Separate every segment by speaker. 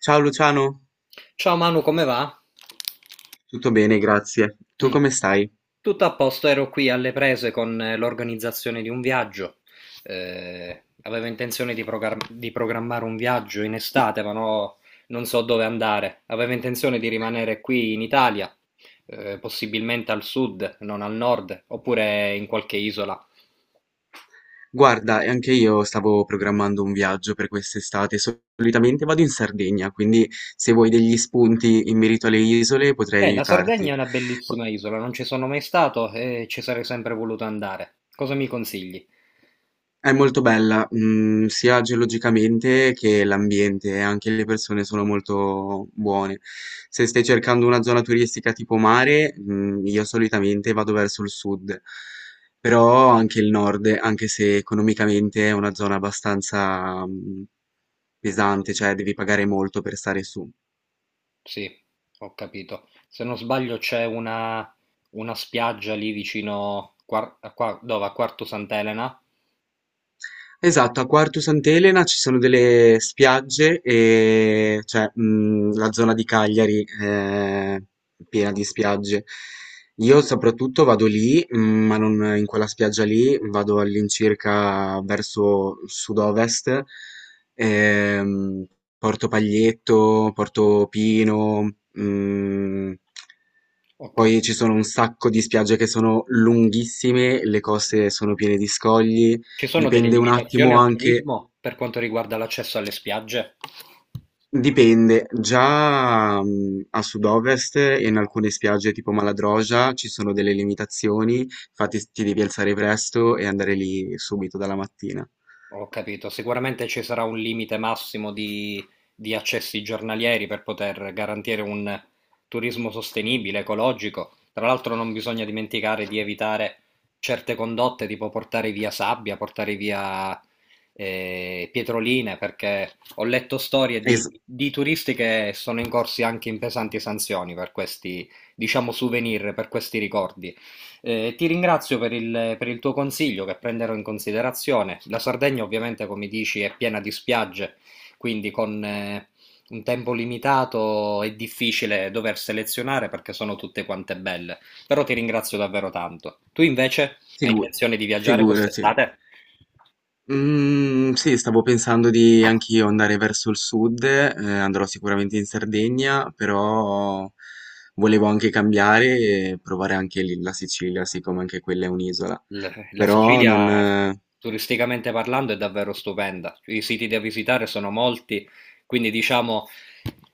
Speaker 1: Ciao Luciano,
Speaker 2: Ciao Manu, come va?
Speaker 1: tutto bene, grazie. Tu
Speaker 2: Mm.
Speaker 1: come stai?
Speaker 2: Tutto a posto, ero qui alle prese con l'organizzazione di un viaggio. Avevo intenzione di programmare un viaggio in estate, ma no, non so dove andare. Avevo intenzione di rimanere qui in Italia, possibilmente al sud, non al nord, oppure in qualche isola.
Speaker 1: Guarda, e anche io stavo programmando un viaggio per quest'estate. Solitamente vado in Sardegna, quindi se vuoi degli spunti in merito alle isole potrei
Speaker 2: La
Speaker 1: aiutarti.
Speaker 2: Sardegna è una bellissima isola, non ci sono mai stato e ci sarei sempre voluto andare. Cosa mi consigli?
Speaker 1: È molto bella, sia geologicamente che l'ambiente, e anche le persone sono molto buone. Se stai cercando una zona turistica tipo mare, io solitamente vado verso il sud, però anche il nord, anche se economicamente è una zona abbastanza, pesante, cioè devi pagare molto per stare su.
Speaker 2: Sì, ho capito. Se non sbaglio c'è una spiaggia lì vicino a Quarto Sant'Elena.
Speaker 1: Esatto, a Quartu Sant'Elena ci sono delle spiagge e cioè la zona di Cagliari è piena di spiagge. Io soprattutto vado lì, ma non in quella spiaggia lì, vado all'incirca verso sud-ovest, ehm, Porto Paglietto, Porto Pino,
Speaker 2: Ho capito.
Speaker 1: poi ci sono un sacco di spiagge che sono lunghissime, le coste sono piene di scogli.
Speaker 2: Ci sono delle
Speaker 1: Dipende un
Speaker 2: limitazioni
Speaker 1: attimo
Speaker 2: al
Speaker 1: anche,
Speaker 2: turismo per quanto riguarda l'accesso alle spiagge?
Speaker 1: dipende, già a sud-ovest e in alcune spiagge tipo Maladroja ci sono delle limitazioni, infatti ti devi alzare presto e andare lì subito dalla mattina.
Speaker 2: Ho capito, sicuramente ci sarà un limite massimo di accessi giornalieri per poter garantire un turismo sostenibile, ecologico. Tra l'altro non bisogna dimenticare di evitare certe condotte, tipo portare via sabbia, portare via pietroline, perché ho letto storie
Speaker 1: Es-
Speaker 2: di turisti che sono incorsi anche in pesanti sanzioni per questi, diciamo, souvenir, per questi ricordi. Ti ringrazio per per il tuo consiglio che prenderò in considerazione. La Sardegna, ovviamente, come dici, è piena di spiagge, quindi con un tempo limitato è difficile dover selezionare perché sono tutte quante belle. Però ti ringrazio davvero tanto. Tu invece hai
Speaker 1: figu-
Speaker 2: intenzione di viaggiare
Speaker 1: Figurati.
Speaker 2: quest'estate?
Speaker 1: Mm, sì, stavo pensando di anch'io andare verso il sud, andrò sicuramente in Sardegna, però volevo anche cambiare e provare anche lì la Sicilia, siccome anche quella è un'isola.
Speaker 2: L- La
Speaker 1: Però non.
Speaker 2: Sicilia, turisticamente parlando, è davvero stupenda. I siti da visitare sono molti, quindi diciamo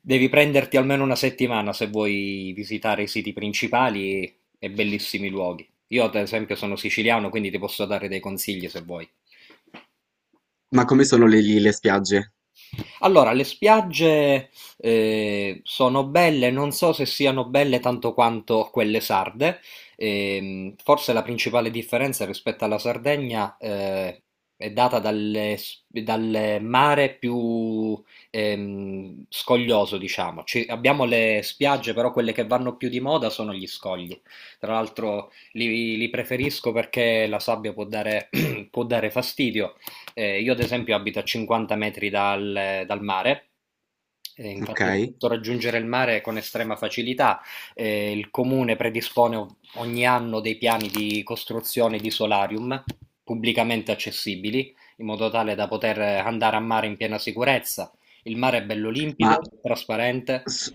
Speaker 2: devi prenderti almeno una settimana se vuoi visitare i siti principali e bellissimi luoghi. Io, ad esempio, sono siciliano, quindi ti posso dare dei consigli se vuoi.
Speaker 1: Ma come sono le lì le spiagge?
Speaker 2: Allora, le spiagge sono belle, non so se siano belle tanto quanto quelle sarde. Forse la principale differenza rispetto alla Sardegna è data dal mare più scoglioso, diciamo. Abbiamo le spiagge, però quelle che vanno più di moda sono gli scogli. Tra l'altro li preferisco perché la sabbia può dare, può dare fastidio. Io ad esempio abito a 50 metri dal mare, e infatti
Speaker 1: Okay.
Speaker 2: posso raggiungere il mare con estrema facilità. Il comune predispone ogni anno dei piani di costruzione di solarium pubblicamente accessibili, in modo tale da poter andare a mare in piena sicurezza. Il mare è bello limpido,
Speaker 1: Ma
Speaker 2: trasparente.
Speaker 1: s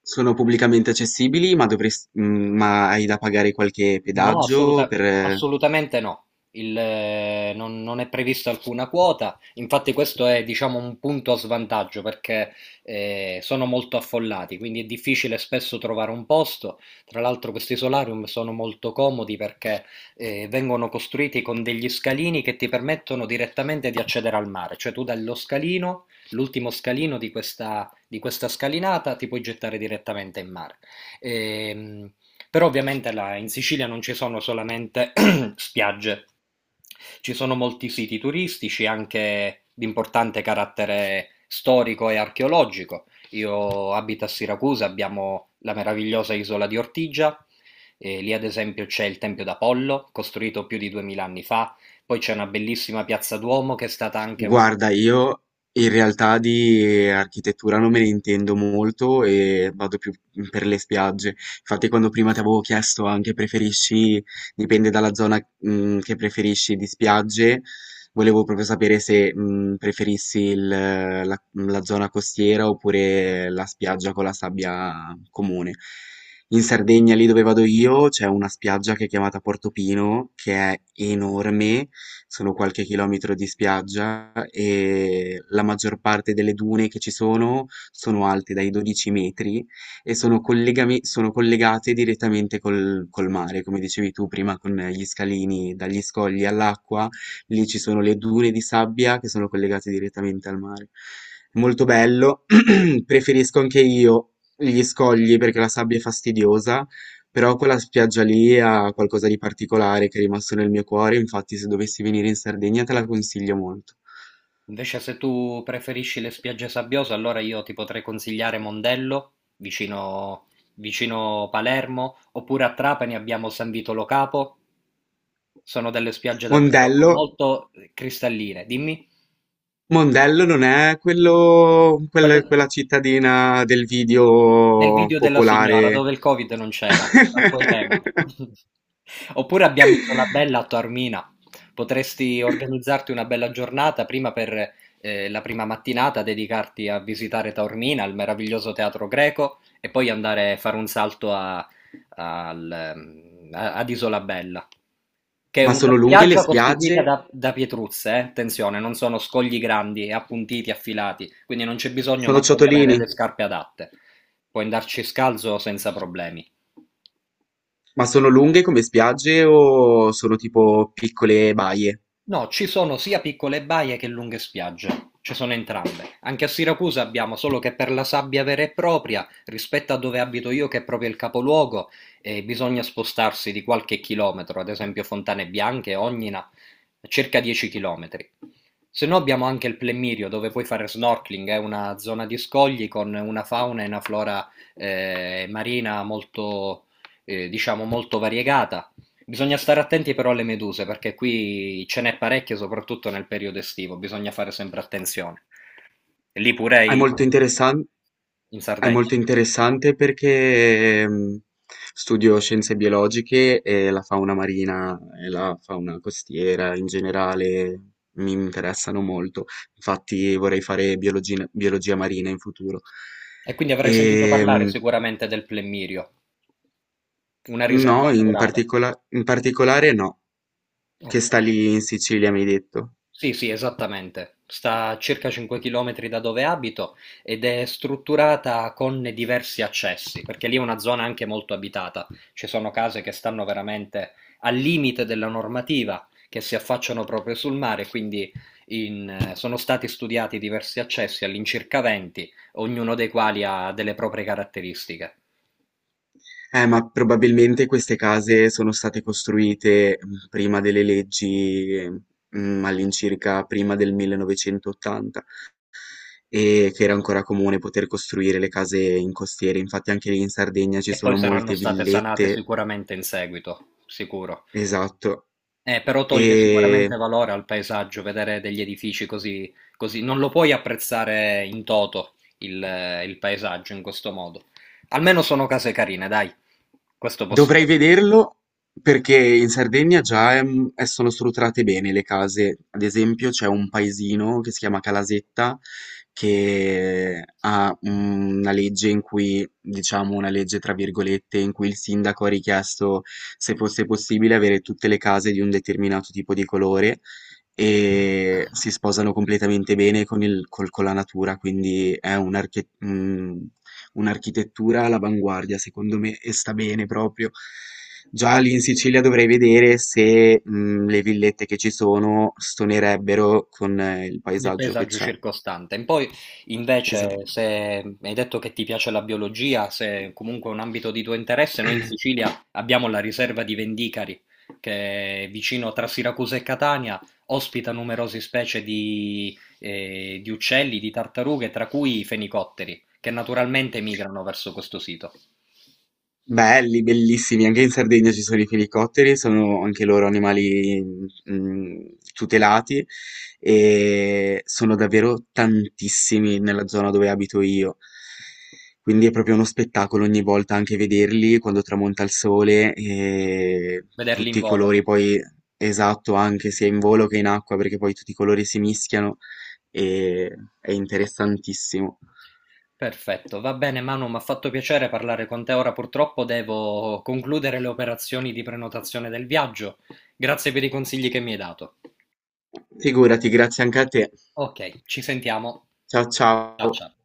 Speaker 1: sono pubblicamente accessibili? Ma hai da pagare qualche
Speaker 2: No,
Speaker 1: pedaggio
Speaker 2: assoluta-
Speaker 1: per.
Speaker 2: Assolutamente no. Il, non, Non è prevista alcuna quota, infatti questo è, diciamo, un punto a svantaggio perché sono molto affollati, quindi è difficile spesso trovare un posto. Tra l'altro questi solarium sono molto comodi perché vengono costruiti con degli scalini che ti permettono direttamente di accedere al mare, cioè tu dallo scalino, l'ultimo scalino di di questa scalinata, ti puoi gettare direttamente in mare. Ehm, Però ovviamente là in Sicilia non ci sono solamente spiagge, ci sono molti siti turistici anche di importante carattere storico e archeologico. Io abito a Siracusa, abbiamo la meravigliosa isola di Ortigia, e lì ad esempio c'è il Tempio d'Apollo, costruito più di 2000 anni fa, poi c'è una bellissima piazza Duomo che è stata anche un...
Speaker 1: Guarda, io in realtà di architettura non me ne intendo molto e vado più per le spiagge. Infatti, quando prima ti avevo chiesto anche preferisci, dipende dalla zona, che preferisci di spiagge, volevo proprio sapere se, preferissi la zona costiera oppure la spiaggia con la sabbia comune. In Sardegna, lì dove vado io, c'è una spiaggia che è chiamata Portopino, che è enorme, sono qualche chilometro di spiaggia e la maggior parte delle dune che ci sono sono alte dai 12 metri e sono collegate direttamente col mare, come dicevi tu prima, con gli scalini dagli scogli all'acqua, lì ci sono le dune di sabbia che sono collegate direttamente al mare. Molto bello, preferisco anche io gli scogli perché la sabbia è fastidiosa, però quella spiaggia lì ha qualcosa di particolare che è rimasto nel mio cuore, infatti se dovessi venire in Sardegna te la consiglio molto.
Speaker 2: Invece se tu preferisci le spiagge sabbiose, allora io ti potrei consigliare Mondello, vicino Palermo, oppure a Trapani abbiamo San Vitolo Capo, sono delle spiagge davvero
Speaker 1: Mondello,
Speaker 2: molto cristalline. Dimmi,
Speaker 1: Mondello non è quello,
Speaker 2: quello,
Speaker 1: quella cittadina del
Speaker 2: nel
Speaker 1: video
Speaker 2: video della signora,
Speaker 1: popolare.
Speaker 2: dove il Covid non c'era, a quei tempi. Oppure abbiamo Isolabella a Taormina. Potresti organizzarti una bella giornata prima per la prima mattinata, dedicarti a visitare Taormina, il meraviglioso teatro greco, e poi andare a fare un salto ad Isolabella, che è
Speaker 1: Ma
Speaker 2: una
Speaker 1: sono lunghe le
Speaker 2: spiaggia costituita
Speaker 1: spiagge?
Speaker 2: da pietruzze. Attenzione, non sono scogli grandi, appuntiti, affilati, quindi non c'è bisogno
Speaker 1: Sono
Speaker 2: manco di avere le
Speaker 1: ciotolini,
Speaker 2: scarpe adatte. Puoi andarci scalzo senza problemi.
Speaker 1: ma sono lunghe come spiagge o sono tipo piccole baie?
Speaker 2: No, ci sono sia piccole baie che lunghe spiagge. Ci sono entrambe. Anche a Siracusa abbiamo, solo che per la sabbia vera e propria, rispetto a dove abito io che è proprio il capoluogo, bisogna spostarsi di qualche chilometro, ad esempio Fontane Bianche, Ognina, circa 10 chilometri. Se no abbiamo anche il Plemirio dove puoi fare snorkeling, è una zona di scogli con una fauna e una flora marina diciamo, molto variegata. Bisogna stare attenti però alle meduse, perché qui ce n'è parecchie, soprattutto nel periodo estivo, bisogna fare sempre attenzione. E lì
Speaker 1: È molto interessante.
Speaker 2: in
Speaker 1: È
Speaker 2: Sardegna.
Speaker 1: molto interessante perché studio scienze biologiche e la fauna marina e la fauna costiera in generale mi interessano molto. Infatti vorrei fare biologia marina in futuro.
Speaker 2: E quindi avrei
Speaker 1: E
Speaker 2: sentito parlare sicuramente del plemmirio, una riserva
Speaker 1: no,
Speaker 2: naturale.
Speaker 1: in particolare no, che
Speaker 2: Ok.
Speaker 1: sta lì in Sicilia, mi hai detto.
Speaker 2: Sì, sì, esattamente. Sta a circa 5 km da dove abito ed è strutturata con diversi accessi, perché lì è una zona anche molto abitata. Ci sono case che stanno veramente al limite della normativa, che si affacciano proprio sul mare, quindi sono stati studiati diversi accessi, all'incirca 20, ognuno dei quali ha delle proprie caratteristiche.
Speaker 1: Ma probabilmente queste case sono state costruite prima delle leggi, all'incirca prima del 1980, e che era ancora comune poter costruire le case in costiere. Infatti anche lì in Sardegna ci
Speaker 2: E poi
Speaker 1: sono
Speaker 2: saranno
Speaker 1: molte
Speaker 2: state sanate
Speaker 1: villette,
Speaker 2: sicuramente in seguito, sicuro.
Speaker 1: esatto.
Speaker 2: Però toglie
Speaker 1: E
Speaker 2: sicuramente valore al paesaggio vedere degli edifici così, così. Non lo puoi apprezzare in toto il paesaggio in questo modo. Almeno sono case carine, dai. Questo
Speaker 1: dovrei
Speaker 2: possiamo.
Speaker 1: vederlo perché in Sardegna già sono strutturate bene le case. Ad esempio, c'è un paesino che si chiama Calasetta che ha una legge in cui, diciamo, una legge tra virgolette, in cui il sindaco ha richiesto se fosse possibile avere tutte le case di un determinato tipo di colore e si sposano completamente bene con la natura, quindi è un architetto. Un'architettura all'avanguardia secondo me e sta bene proprio. Già lì in Sicilia dovrei vedere se le villette che ci sono stonerebbero con il
Speaker 2: Nel
Speaker 1: paesaggio che
Speaker 2: paesaggio
Speaker 1: c'è.
Speaker 2: circostante. Poi, invece,
Speaker 1: Esatto.
Speaker 2: se mi hai detto che ti piace la biologia, se comunque è un ambito di tuo interesse, noi in Sicilia abbiamo la riserva di Vendicari, che è vicino tra Siracusa e Catania, ospita numerose specie di uccelli, di tartarughe, tra cui i fenicotteri, che naturalmente migrano verso questo sito.
Speaker 1: Belli, bellissimi, anche in Sardegna ci sono i felicotteri, sono anche loro animali mm, tutelati e sono davvero tantissimi nella zona dove abito io. Quindi è proprio uno spettacolo ogni volta anche vederli quando tramonta il sole e
Speaker 2: Vederli in
Speaker 1: tutti i
Speaker 2: volo.
Speaker 1: colori poi esatto, anche sia in volo che in acqua, perché poi tutti i colori si mischiano e è interessantissimo.
Speaker 2: Perfetto, va bene Manu, m'ha fatto piacere parlare con te. Ora purtroppo devo concludere le operazioni di prenotazione del viaggio. Grazie per i consigli che mi hai dato.
Speaker 1: Figurati, grazie anche a te.
Speaker 2: Ok, ci sentiamo.
Speaker 1: Ciao
Speaker 2: Ciao
Speaker 1: ciao.
Speaker 2: ciao.